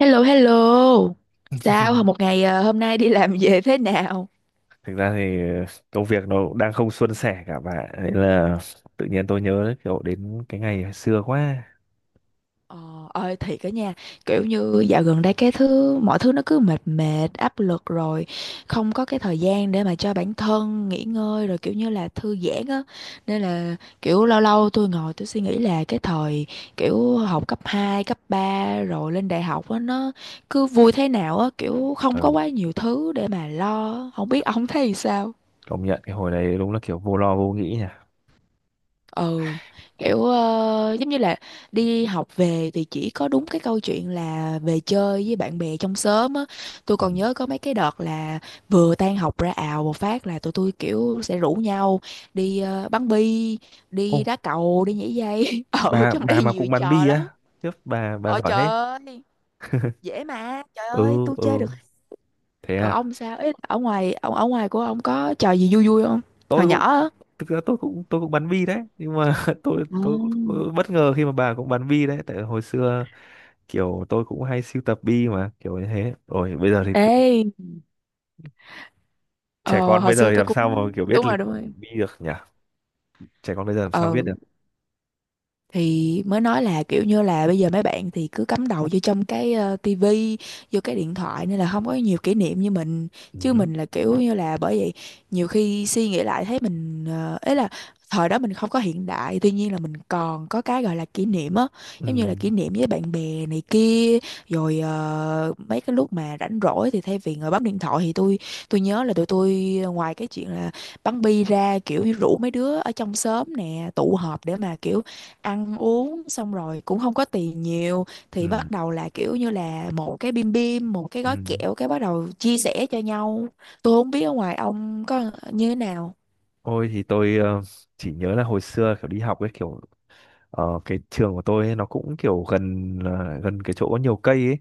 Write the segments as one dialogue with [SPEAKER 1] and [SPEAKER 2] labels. [SPEAKER 1] Hello hello. Sao hồi một ngày hôm nay đi làm về thế nào?
[SPEAKER 2] Thực ra thì công việc nó cũng đang không suôn sẻ cả bạn, nên là tự nhiên tôi nhớ kiểu đến cái ngày hồi xưa quá.
[SPEAKER 1] Ờ, ơi thiệt cả nha, kiểu như dạo gần đây cái thứ mọi thứ nó cứ mệt mệt, áp lực rồi không có cái thời gian để mà cho bản thân nghỉ ngơi rồi kiểu như là thư giãn á. Nên là kiểu lâu lâu tôi ngồi tôi suy nghĩ là cái thời kiểu học cấp 2, cấp 3 rồi lên đại học á, nó cứ vui thế nào á, kiểu không có
[SPEAKER 2] Ừ,
[SPEAKER 1] quá nhiều thứ để mà lo, không biết ông thấy sao?
[SPEAKER 2] công nhận cái hồi đấy đúng là kiểu vô lo vô nghĩ nhỉ.
[SPEAKER 1] Ừ, kiểu giống như là đi học về thì chỉ có đúng cái câu chuyện là về chơi với bạn bè trong xóm á. Tôi
[SPEAKER 2] Ừ.
[SPEAKER 1] còn nhớ có mấy cái đợt là vừa tan học ra ào một phát là tụi tôi kiểu sẽ rủ nhau đi bắn bi, đi
[SPEAKER 2] Ô,
[SPEAKER 1] đá cầu, đi nhảy dây. Ừ,
[SPEAKER 2] bà
[SPEAKER 1] trong
[SPEAKER 2] bà
[SPEAKER 1] đây
[SPEAKER 2] mà
[SPEAKER 1] nhiều
[SPEAKER 2] cũng bắn
[SPEAKER 1] trò
[SPEAKER 2] bi
[SPEAKER 1] lắm.
[SPEAKER 2] á? Khiếp, bà
[SPEAKER 1] Ôi
[SPEAKER 2] giỏi
[SPEAKER 1] trời
[SPEAKER 2] thế.
[SPEAKER 1] ơi, dễ mà, trời ơi,
[SPEAKER 2] Ừ
[SPEAKER 1] tôi chơi
[SPEAKER 2] ừ,
[SPEAKER 1] được.
[SPEAKER 2] thế
[SPEAKER 1] Còn
[SPEAKER 2] à?
[SPEAKER 1] ông sao ấy, ở ngoài của ông có trò gì vui vui không,
[SPEAKER 2] Tôi
[SPEAKER 1] hồi nhỏ
[SPEAKER 2] cũng...
[SPEAKER 1] á?
[SPEAKER 2] thực ra tôi cũng, bắn bi đấy, nhưng mà
[SPEAKER 1] Không.
[SPEAKER 2] tôi bất ngờ khi mà bà cũng bắn bi đấy. Tại hồi xưa kiểu tôi cũng hay sưu tập bi mà kiểu như thế, rồi bây giờ thì
[SPEAKER 1] Ê,
[SPEAKER 2] trẻ
[SPEAKER 1] ờ,
[SPEAKER 2] con
[SPEAKER 1] hồi
[SPEAKER 2] bây giờ
[SPEAKER 1] xưa
[SPEAKER 2] thì
[SPEAKER 1] tôi
[SPEAKER 2] làm
[SPEAKER 1] cũng.
[SPEAKER 2] sao mà kiểu biết
[SPEAKER 1] Đúng
[SPEAKER 2] lực
[SPEAKER 1] rồi, đúng
[SPEAKER 2] kiểu
[SPEAKER 1] rồi.
[SPEAKER 2] đi được nhỉ. Trẻ con bây giờ làm sao
[SPEAKER 1] ờ
[SPEAKER 2] biết được.
[SPEAKER 1] thì mới nói là kiểu như là bây giờ mấy bạn thì cứ cắm đầu vô trong cái tivi, vô cái điện thoại, nên là không có nhiều kỷ niệm như mình. Chứ
[SPEAKER 2] Ừ.
[SPEAKER 1] mình là kiểu như là, bởi vậy nhiều khi suy nghĩ lại thấy mình ấy là, thời đó mình không có hiện đại, tuy nhiên là mình còn có cái gọi là kỷ niệm á.
[SPEAKER 2] Ừ.
[SPEAKER 1] Giống như là kỷ niệm với bạn bè này kia, rồi mấy cái lúc mà rảnh rỗi thì thay vì ngồi bấm điện thoại thì tôi nhớ là tụi tôi, ngoài cái chuyện là bắn bi ra, kiểu như rủ mấy đứa ở trong xóm nè tụ họp để mà kiểu ăn uống, xong rồi cũng không có tiền nhiều thì
[SPEAKER 2] Ừ.
[SPEAKER 1] bắt đầu là kiểu như là một cái bim bim, một cái
[SPEAKER 2] Ừ.
[SPEAKER 1] gói kẹo cái bắt đầu chia sẻ cho nhau. Tôi không biết ở ngoài ông có như thế nào.
[SPEAKER 2] Ôi thì tôi chỉ nhớ là hồi xưa kiểu đi học ấy, kiểu cái trường của tôi ấy, nó cũng kiểu gần, gần cái chỗ có nhiều cây ấy.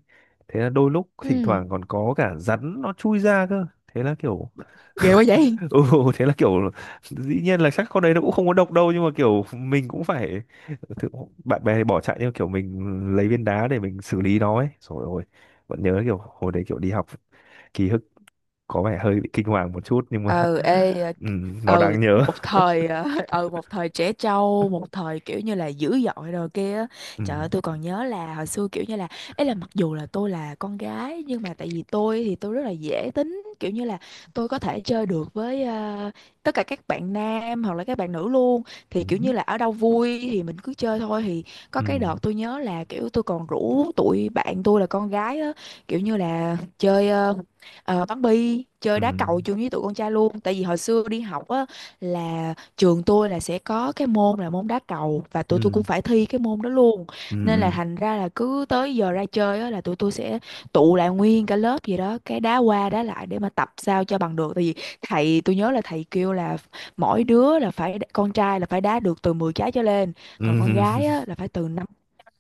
[SPEAKER 2] Thế là đôi lúc thỉnh
[SPEAKER 1] Ừ.
[SPEAKER 2] thoảng còn có cả rắn nó chui ra cơ, thế là kiểu
[SPEAKER 1] Ghê quá vậy.
[SPEAKER 2] ừ, thế là kiểu dĩ nhiên là chắc con đấy nó cũng không có độc đâu, nhưng mà kiểu mình cũng phải thực- bạn bè thì bỏ chạy, nhưng mà kiểu mình lấy viên đá để mình xử lý nó ấy. Rồi ôi, vẫn nhớ kiểu hồi đấy kiểu đi học, ký ức có vẻ hơi bị kinh hoàng một chút nhưng mà
[SPEAKER 1] ờ ê
[SPEAKER 2] ừ, nó
[SPEAKER 1] ừ,
[SPEAKER 2] đáng nhớ.
[SPEAKER 1] một thời ừ, một thời trẻ trâu, một thời kiểu như là dữ dội rồi kia á.
[SPEAKER 2] Ừ,
[SPEAKER 1] Trời ơi, tôi còn nhớ là hồi xưa kiểu như là ấy là mặc dù là tôi là con gái, nhưng mà tại vì tôi thì tôi rất là dễ tính, kiểu như là tôi có thể chơi được với tất cả các bạn nam hoặc là các bạn nữ luôn. Thì
[SPEAKER 2] ừ,
[SPEAKER 1] kiểu như là ở đâu vui thì mình cứ chơi thôi. Thì có
[SPEAKER 2] ừ,
[SPEAKER 1] cái đợt tôi nhớ là kiểu tôi còn rủ tụi bạn tôi là con gái á, kiểu như là chơi bắn bi, chơi
[SPEAKER 2] ừ,
[SPEAKER 1] đá cầu chung với tụi con trai luôn. Tại vì hồi xưa đi học á, là trường tôi là sẽ có cái môn là môn đá cầu, và tụi tôi cũng
[SPEAKER 2] ừ,
[SPEAKER 1] phải thi cái môn đó luôn. Nên là
[SPEAKER 2] ừ,
[SPEAKER 1] thành ra là cứ tới giờ ra chơi á, là tụi tôi sẽ tụ lại nguyên cả lớp gì đó cái đá qua đá lại để mà tập sao cho bằng được. Tại vì thầy tôi nhớ là thầy kêu là mỗi đứa là phải, con trai là phải đá được từ 10 trái trở lên, còn
[SPEAKER 2] ừ,
[SPEAKER 1] con
[SPEAKER 2] ừ.
[SPEAKER 1] gái á là phải từ 5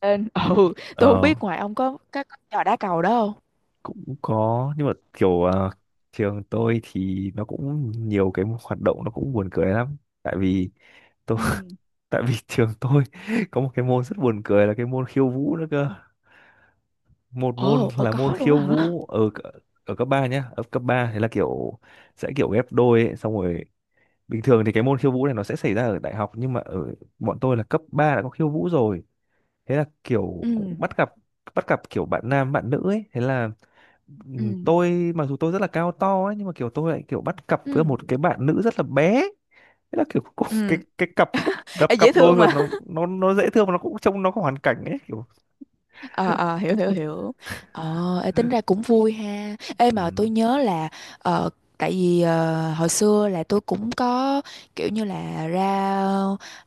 [SPEAKER 1] lên. Ừ, tôi không biết
[SPEAKER 2] Ờ,
[SPEAKER 1] ngoài ông có các trò đá cầu đó không.
[SPEAKER 2] cũng có, nhưng mà kiểu trường tôi thì nó cũng nhiều cái hoạt động, nó cũng buồn cười lắm. Tại vì tôi...
[SPEAKER 1] Ừ.
[SPEAKER 2] tại vì trường tôi có một cái môn rất buồn cười là cái môn khiêu vũ nữa cơ. Một môn
[SPEAKER 1] Ồ, ồ,
[SPEAKER 2] là môn
[SPEAKER 1] có luôn á
[SPEAKER 2] khiêu
[SPEAKER 1] hả?
[SPEAKER 2] vũ ở ở cấp 3 nhá. Ở cấp 3 thì là kiểu sẽ kiểu ghép đôi ấy, xong rồi bình thường thì cái môn khiêu vũ này nó sẽ xảy ra ở đại học, nhưng mà ở bọn tôi là cấp 3 đã có khiêu vũ rồi. Thế là kiểu
[SPEAKER 1] Ừ,
[SPEAKER 2] cũng bắt gặp, bắt gặp kiểu bạn nam bạn nữ ấy, thế là
[SPEAKER 1] ừ,
[SPEAKER 2] tôi mặc dù tôi rất là cao to ấy, nhưng mà kiểu tôi lại kiểu bắt cặp
[SPEAKER 1] ừ,
[SPEAKER 2] với một cái bạn nữ rất là bé. Thế là kiểu cũng-
[SPEAKER 1] ừ.
[SPEAKER 2] cái cặp, đập
[SPEAKER 1] Ê, dễ
[SPEAKER 2] cặp đôi
[SPEAKER 1] thương
[SPEAKER 2] rồi,
[SPEAKER 1] mà.
[SPEAKER 2] nó dễ thương mà nó cũng trông nó có hoàn cảnh ấy, kiểu
[SPEAKER 1] Ờ, ờ, hiểu hiểu hiểu. Tính ra cũng vui ha. Ê, mà
[SPEAKER 2] ừ.
[SPEAKER 1] tôi nhớ là ờ, tại vì hồi xưa là tôi cũng có kiểu như là ra,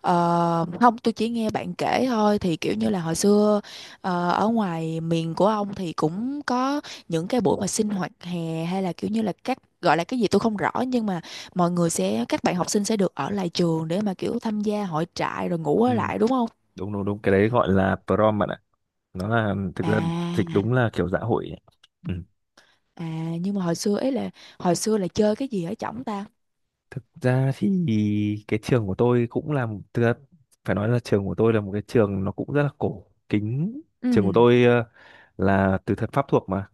[SPEAKER 1] không, tôi chỉ nghe bạn kể thôi, thì kiểu như là hồi xưa ở ngoài miền của ông thì cũng có những cái buổi mà sinh hoạt hè hay là kiểu như là các gọi là cái gì tôi không rõ, nhưng mà mọi người sẽ, các bạn học sinh sẽ được ở lại trường để mà kiểu tham gia hội trại rồi ngủ
[SPEAKER 2] Ừ.
[SPEAKER 1] ở lại đúng không?
[SPEAKER 2] Đúng đúng đúng, cái đấy gọi là prom bạn ạ. Nó là, thực ra dịch
[SPEAKER 1] À.
[SPEAKER 2] đúng là kiểu dạ hội ấy. Ừ.
[SPEAKER 1] À, nhưng mà hồi xưa là chơi cái gì ở trỏng ta?
[SPEAKER 2] Thực ra thì cái trường của tôi cũng là một... thực ra phải nói là trường của tôi là một cái trường nó cũng rất là cổ kính. Trường của
[SPEAKER 1] Ừ.
[SPEAKER 2] tôi là từ thời Pháp thuộc mà,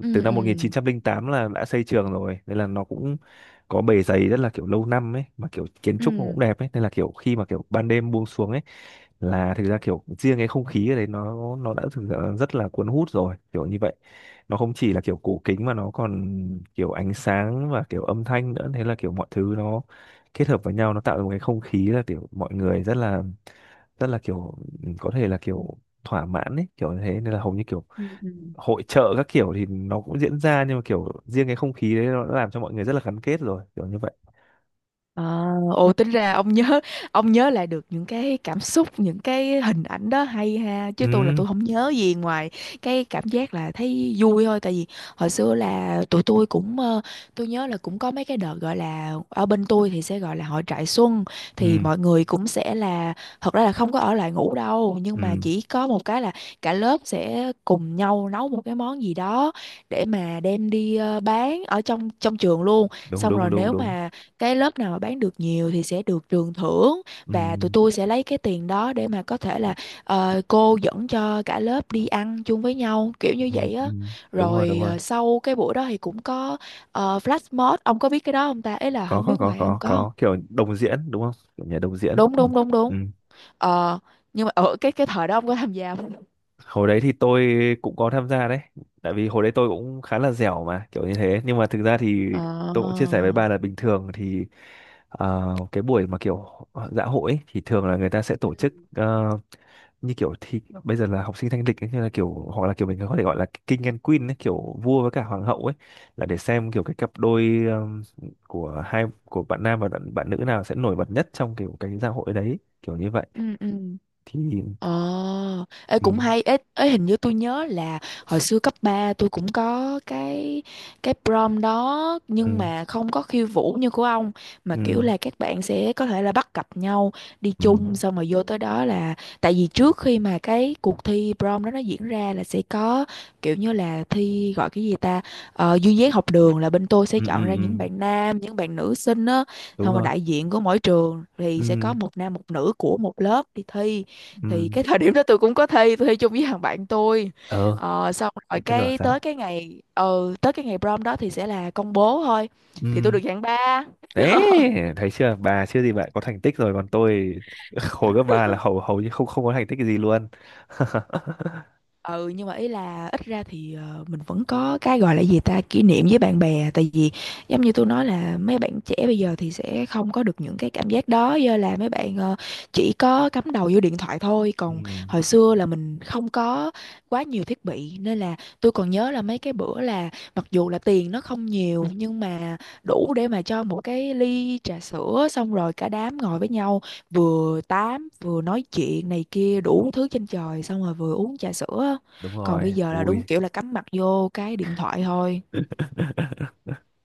[SPEAKER 1] Ừ,
[SPEAKER 2] từ năm
[SPEAKER 1] ừ.
[SPEAKER 2] 1908 là đã xây trường rồi, nên là nó cũng có bề dày rất là kiểu lâu năm ấy, mà kiểu kiến trúc nó cũng
[SPEAKER 1] Ừ.
[SPEAKER 2] đẹp ấy, nên là kiểu khi mà kiểu ban đêm buông xuống ấy là thực ra kiểu riêng cái không khí ở đấy nó đã thực ra rất là cuốn hút rồi kiểu như vậy. Nó không chỉ là kiểu cổ kính mà nó còn kiểu ánh sáng và kiểu âm thanh nữa, thế là kiểu mọi thứ nó kết hợp với nhau nó tạo ra một cái không khí là kiểu mọi người rất là, rất là kiểu có thể là kiểu thỏa mãn ấy kiểu như thế, nên là hầu như kiểu
[SPEAKER 1] Ừ. Ừ.
[SPEAKER 2] hội chợ các kiểu thì nó cũng diễn ra, nhưng mà kiểu riêng cái không khí đấy nó đã làm cho mọi người rất là gắn kết rồi kiểu như vậy.
[SPEAKER 1] À, ồ, tính ra ông nhớ, ông nhớ lại được những cái cảm xúc, những cái hình ảnh đó hay ha. Chứ tôi là
[SPEAKER 2] Ừ
[SPEAKER 1] tôi không nhớ gì ngoài cái cảm giác là thấy vui thôi. Tại vì hồi xưa là tụi tôi cũng tôi nhớ là cũng có mấy cái đợt gọi là ở bên tôi thì sẽ gọi là hội trại xuân. Thì
[SPEAKER 2] ừ
[SPEAKER 1] mọi người cũng sẽ là, thật ra là không có ở lại ngủ đâu, nhưng mà
[SPEAKER 2] ừ,
[SPEAKER 1] chỉ có một cái là cả lớp sẽ cùng nhau nấu một cái món gì đó để mà đem đi bán ở trong trong trường luôn.
[SPEAKER 2] đúng
[SPEAKER 1] Xong
[SPEAKER 2] đúng
[SPEAKER 1] rồi
[SPEAKER 2] đúng
[SPEAKER 1] nếu
[SPEAKER 2] đúng.
[SPEAKER 1] mà cái lớp nào mà bán được nhiều thì sẽ được trường thưởng, và tụi
[SPEAKER 2] Ừ,
[SPEAKER 1] tôi sẽ lấy cái tiền đó để mà có thể là, cô dẫn cho cả lớp đi ăn chung với nhau kiểu
[SPEAKER 2] ừ,
[SPEAKER 1] như vậy
[SPEAKER 2] ừ.
[SPEAKER 1] á.
[SPEAKER 2] Đúng rồi đúng
[SPEAKER 1] Rồi
[SPEAKER 2] rồi.
[SPEAKER 1] sau cái buổi đó thì cũng có flash mob, ông có biết cái đó không ta, ấy là
[SPEAKER 2] Có
[SPEAKER 1] không biết ngoài ông
[SPEAKER 2] có
[SPEAKER 1] có không?
[SPEAKER 2] có kiểu đồng diễn đúng không, kiểu nhà đồng diễn.
[SPEAKER 1] Đúng
[SPEAKER 2] Ừ.
[SPEAKER 1] đúng đúng đúng.
[SPEAKER 2] Ừ.
[SPEAKER 1] Ờ, nhưng mà ở cái thời đó ông có tham gia không?
[SPEAKER 2] Hồi đấy thì tôi cũng có tham gia đấy, tại vì hồi đấy tôi cũng khá là dẻo mà kiểu như thế. Nhưng mà thực ra thì tôi cũng chia sẻ với
[SPEAKER 1] Ờ.
[SPEAKER 2] bà là bình thường thì ờ, cái buổi mà kiểu dạ hội ấy, thì thường là người ta sẽ tổ chức, như kiểu thì bây giờ là học sinh thanh lịch ấy, như là kiểu hoặc là kiểu mình có thể gọi là king and queen ấy, kiểu vua với cả hoàng hậu ấy, là để xem kiểu cái cặp đôi của hai của bạn nam và bạn, bạn nữ nào sẽ nổi bật nhất trong kiểu cái gia hội đấy kiểu như vậy
[SPEAKER 1] Ừ, ừ.
[SPEAKER 2] thì.
[SPEAKER 1] Ờ, ê,
[SPEAKER 2] Ừ,
[SPEAKER 1] cũng hay ấy, ấy hình như tôi nhớ là hồi xưa cấp 3 tôi cũng có cái prom đó, nhưng
[SPEAKER 2] ừ,
[SPEAKER 1] mà không có khiêu vũ như của ông, mà kiểu
[SPEAKER 2] ừ,
[SPEAKER 1] là các bạn sẽ có thể là bắt cặp nhau đi
[SPEAKER 2] ừ,
[SPEAKER 1] chung, xong rồi vô tới đó là, tại vì trước khi mà cái cuộc thi prom đó nó diễn ra là sẽ có kiểu như là thi gọi cái gì ta, duyên dáng học đường, là bên tôi sẽ
[SPEAKER 2] ừ, ừ,
[SPEAKER 1] chọn ra
[SPEAKER 2] ừ,
[SPEAKER 1] những bạn nam, những bạn nữ xinh á,
[SPEAKER 2] đúng
[SPEAKER 1] xong rồi
[SPEAKER 2] rồi.
[SPEAKER 1] đại diện của mỗi trường thì sẽ
[SPEAKER 2] Ừ,
[SPEAKER 1] có một nam một nữ của một lớp đi thi.
[SPEAKER 2] ừ.
[SPEAKER 1] Thì cái thời điểm đó tôi cũng có thi, tôi thi chung với thằng bạn tôi.
[SPEAKER 2] Ờ,
[SPEAKER 1] Xong
[SPEAKER 2] để
[SPEAKER 1] rồi
[SPEAKER 2] các là
[SPEAKER 1] cái tới
[SPEAKER 2] sao.
[SPEAKER 1] cái ngày tới cái ngày prom đó thì sẽ là công bố thôi. Thì tôi
[SPEAKER 2] Ừ.
[SPEAKER 1] được hạng ba.
[SPEAKER 2] Đấy, thấy chưa bà, chưa gì bạn có thành tích rồi, còn tôi hồi cấp ba là hầu hầu như không không có thành tích gì luôn.
[SPEAKER 1] Ừ, nhưng mà ý là ít ra thì mình vẫn có cái gọi là gì ta, kỷ niệm với bạn bè. Tại vì giống như tôi nói là mấy bạn trẻ bây giờ thì sẽ không có được những cái cảm giác đó, do là mấy bạn chỉ có cắm đầu vô điện thoại thôi. Còn
[SPEAKER 2] Ừ.
[SPEAKER 1] hồi xưa là mình không có quá nhiều thiết bị, nên là tôi còn nhớ là mấy cái bữa là mặc dù là tiền nó không nhiều, nhưng mà đủ để mà cho một cái ly trà sữa, xong rồi cả đám ngồi với nhau vừa tám vừa nói chuyện này kia đủ thứ trên trời, xong rồi vừa uống trà sữa á.
[SPEAKER 2] Đúng
[SPEAKER 1] Còn
[SPEAKER 2] rồi
[SPEAKER 1] bây giờ là
[SPEAKER 2] vui.
[SPEAKER 1] đúng kiểu là cắm mặt vô cái điện thoại thôi.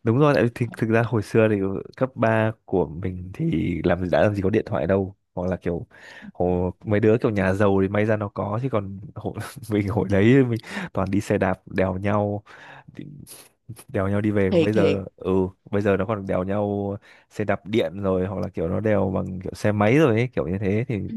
[SPEAKER 2] Đúng rồi, tại vì thực ra hồi xưa thì cấp 3 của mình thì làm đã làm gì có điện thoại đâu, hoặc là kiểu mấy đứa kiểu nhà giàu thì may ra nó có, chứ còn hồi, mình hồi đấy mình toàn đi xe đạp đèo nhau, đi- đèo nhau đi về. Còn
[SPEAKER 1] Thiệt
[SPEAKER 2] bây
[SPEAKER 1] thiệt.
[SPEAKER 2] giờ ừ, bây giờ nó còn đèo nhau xe đạp điện rồi, hoặc là kiểu nó đèo bằng kiểu xe máy rồi ấy kiểu như thế, thì
[SPEAKER 1] Ừ.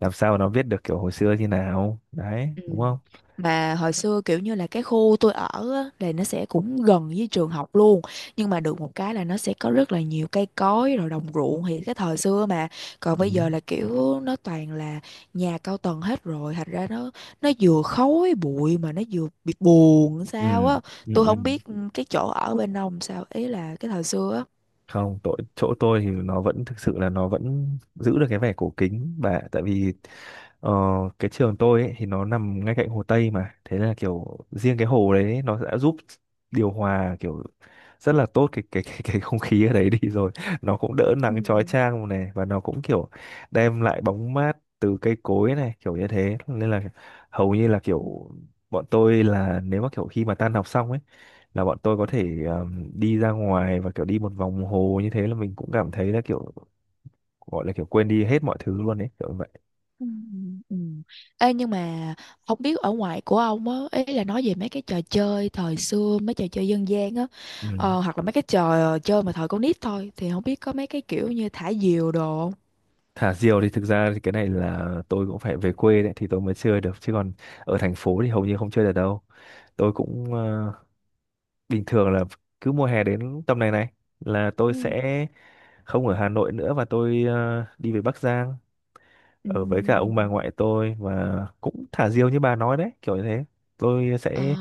[SPEAKER 2] làm sao mà nó biết được kiểu hồi xưa như nào đấy
[SPEAKER 1] Ừ.
[SPEAKER 2] đúng không.
[SPEAKER 1] Mà hồi xưa kiểu như là cái khu tôi ở á, là nó sẽ cũng gần với trường học luôn, nhưng mà được một cái là nó sẽ có rất là nhiều cây cối rồi đồng ruộng, thì cái thời xưa mà. Còn bây
[SPEAKER 2] Ừ
[SPEAKER 1] giờ là kiểu nó toàn là nhà cao tầng hết rồi, thành ra nó vừa khói bụi mà nó vừa bị buồn
[SPEAKER 2] ừ
[SPEAKER 1] sao á.
[SPEAKER 2] ừ,
[SPEAKER 1] Tôi
[SPEAKER 2] ừ.
[SPEAKER 1] không biết ừ, cái chỗ ở bên ông sao, ý là cái thời xưa á.
[SPEAKER 2] Không, tội chỗ tôi thì nó vẫn thực sự là nó vẫn giữ được cái vẻ cổ kính. Và tại vì ờ, cái trường tôi ấy, thì nó nằm ngay cạnh hồ Tây mà, thế là kiểu riêng cái hồ đấy nó đã giúp điều hòa kiểu rất là tốt cái không khí ở đấy đi rồi nó cũng đỡ
[SPEAKER 1] Ừ.
[SPEAKER 2] nắng chói chang này, và nó cũng kiểu đem lại bóng mát từ cây cối này kiểu như thế, nên là hầu như là kiểu bọn tôi là nếu mà kiểu khi mà tan học xong ấy là bọn tôi có thể đi ra ngoài và kiểu đi một vòng hồ, như thế là mình cũng cảm thấy là kiểu, gọi là kiểu quên đi hết mọi thứ luôn ấy kiểu vậy.
[SPEAKER 1] Ừ, ừ. Ê, nhưng mà không biết ở ngoài của ông á, ý là nói về mấy cái trò chơi thời xưa, mấy trò chơi dân gian á,
[SPEAKER 2] Ừ.
[SPEAKER 1] hoặc là mấy cái trò chơi mà thời con nít thôi, thì không biết có mấy cái kiểu như thả diều đồ không.
[SPEAKER 2] Thả diều thì thực ra thì cái này là tôi cũng phải về quê đấy thì tôi mới chơi được, chứ còn ở thành phố thì hầu như không chơi được đâu. Tôi cũng bình thường là cứ mùa hè đến tầm này này là tôi
[SPEAKER 1] Ừ.
[SPEAKER 2] sẽ không ở Hà Nội nữa, và tôi đi về Bắc Giang ở với cả ông
[SPEAKER 1] Ừ.
[SPEAKER 2] bà ngoại tôi, và cũng thả diều như bà nói đấy kiểu như thế. Tôi
[SPEAKER 1] Ờ.
[SPEAKER 2] sẽ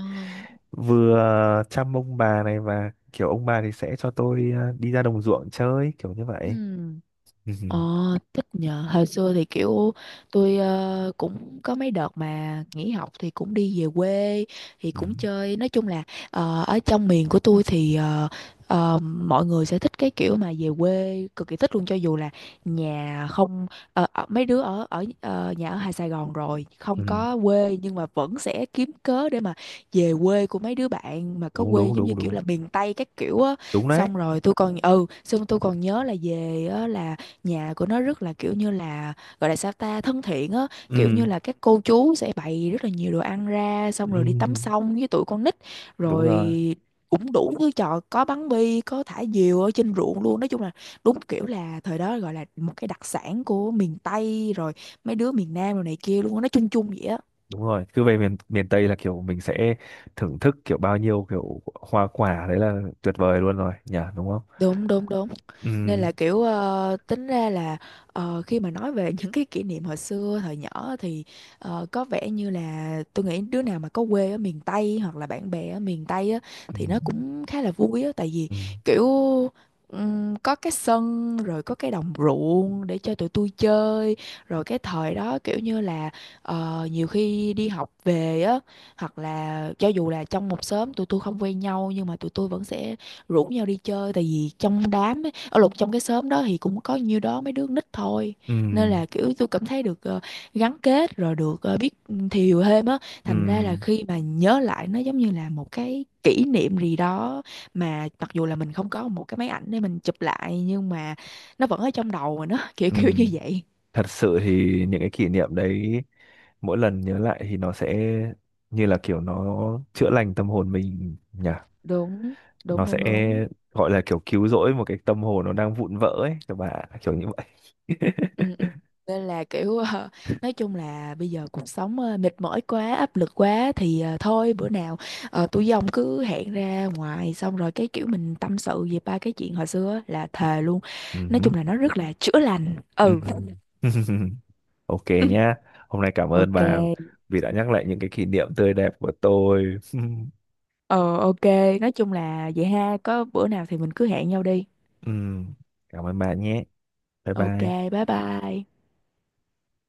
[SPEAKER 2] vừa chăm ông bà này, và kiểu ông bà thì sẽ cho tôi đi ra đồng ruộng chơi kiểu như
[SPEAKER 1] Ừ.
[SPEAKER 2] vậy. Ừ.
[SPEAKER 1] Ờ, thích nhờ. Hồi xưa thì kiểu tôi cũng có mấy đợt mà nghỉ học thì cũng đi về quê thì
[SPEAKER 2] Ừ.
[SPEAKER 1] cũng chơi. Nói chung là ở trong miền của tôi thì mọi người sẽ thích cái kiểu mà về quê, cực kỳ thích luôn, cho dù là nhà không, ở- mấy đứa ở ở ờ, nhà ở Hà Sài Gòn rồi
[SPEAKER 2] Ừ.
[SPEAKER 1] không có quê, nhưng mà vẫn sẽ kiếm cớ để mà về quê của mấy đứa bạn mà có
[SPEAKER 2] Đúng
[SPEAKER 1] quê
[SPEAKER 2] đúng
[SPEAKER 1] giống như
[SPEAKER 2] đúng
[SPEAKER 1] kiểu
[SPEAKER 2] đúng,
[SPEAKER 1] là miền Tây các kiểu á.
[SPEAKER 2] đúng đấy.
[SPEAKER 1] Xong rồi tôi còn ừ, xong tôi còn nhớ là về á, là nhà của nó rất là kiểu như là gọi là sao ta, thân thiện á, kiểu như
[SPEAKER 2] Ừ.
[SPEAKER 1] là các cô chú sẽ bày rất là nhiều đồ ăn ra, xong rồi đi tắm
[SPEAKER 2] Ừ.
[SPEAKER 1] sông với tụi con nít.
[SPEAKER 2] Đúng
[SPEAKER 1] Rồi
[SPEAKER 2] rồi
[SPEAKER 1] cũng đủ thứ trò, có bắn bi, có thả diều ở trên ruộng luôn. Nói chung là đúng kiểu là thời đó gọi là một cái đặc sản của miền Tây rồi, mấy đứa miền Nam rồi này kia luôn á, nó chung chung vậy á.
[SPEAKER 2] đúng rồi, cứ về miền miền Tây là kiểu mình sẽ thưởng thức kiểu bao nhiêu kiểu hoa quả đấy là tuyệt vời luôn rồi nhỉ, đúng không.
[SPEAKER 1] Đúng đúng đúng. Nên
[SPEAKER 2] Ừ.
[SPEAKER 1] là kiểu tính ra là khi mà nói về những cái kỷ niệm hồi xưa thời nhỏ thì có vẻ như là tôi nghĩ đứa nào mà có quê ở miền Tây hoặc là bạn bè ở miền Tây á
[SPEAKER 2] Ừ.
[SPEAKER 1] thì nó cũng khá là vui á. Tại vì
[SPEAKER 2] Ừ.
[SPEAKER 1] kiểu có cái sân rồi có cái đồng ruộng để cho tụi tôi chơi. Rồi cái thời đó kiểu như là nhiều khi đi học về á, hoặc là cho dù là trong một xóm tụi tôi không quen nhau, nhưng mà tụi tôi vẫn sẽ rủ nhau đi chơi, tại vì trong đám ấy, ở lục trong cái xóm đó thì cũng có nhiêu đó mấy đứa nít thôi.
[SPEAKER 2] Ừ.
[SPEAKER 1] Nên là kiểu tôi cảm thấy được gắn kết, rồi được biết thiều thêm á.
[SPEAKER 2] Ừ.
[SPEAKER 1] Thành ra là khi mà nhớ lại nó giống như là một cái kỷ niệm gì đó, mà mặc dù là mình không có một cái máy ảnh để mình chụp lại, nhưng mà nó vẫn ở trong đầu mà nó kiểu
[SPEAKER 2] Ừ.
[SPEAKER 1] kiểu như vậy.
[SPEAKER 2] Thật sự thì những cái kỷ niệm đấy mỗi lần nhớ lại thì nó sẽ như là kiểu nó chữa lành tâm hồn mình nhỉ.
[SPEAKER 1] Đúng
[SPEAKER 2] Nó
[SPEAKER 1] đúng
[SPEAKER 2] sẽ
[SPEAKER 1] đúng đúng.
[SPEAKER 2] gọi là kiểu cứu rỗi một cái tâm hồn nó đang vụn vỡ ấy các bạn, kiểu như vậy.
[SPEAKER 1] Ừ, ừ. Nên là kiểu nói chung là bây giờ cuộc sống mệt mỏi quá, áp lực quá, thì thôi bữa nào tôi với cứ hẹn ra ngoài, xong rồi cái kiểu mình tâm sự về ba cái chuyện hồi xưa á, là thề luôn. Nói chung
[SPEAKER 2] Ừm,
[SPEAKER 1] là nó rất là chữa lành. Ừ.
[SPEAKER 2] ừm. OK nhá, hôm nay cảm ơn
[SPEAKER 1] Ok.
[SPEAKER 2] bà vì đã nhắc lại những cái kỷ niệm tươi đẹp của tôi.
[SPEAKER 1] Ờ, ok. Nói chung là vậy ha, có bữa nào thì mình cứ hẹn nhau đi.
[SPEAKER 2] Ừm, cảm ơn bà nhé, bye
[SPEAKER 1] Ok.
[SPEAKER 2] bye.
[SPEAKER 1] Bye bye.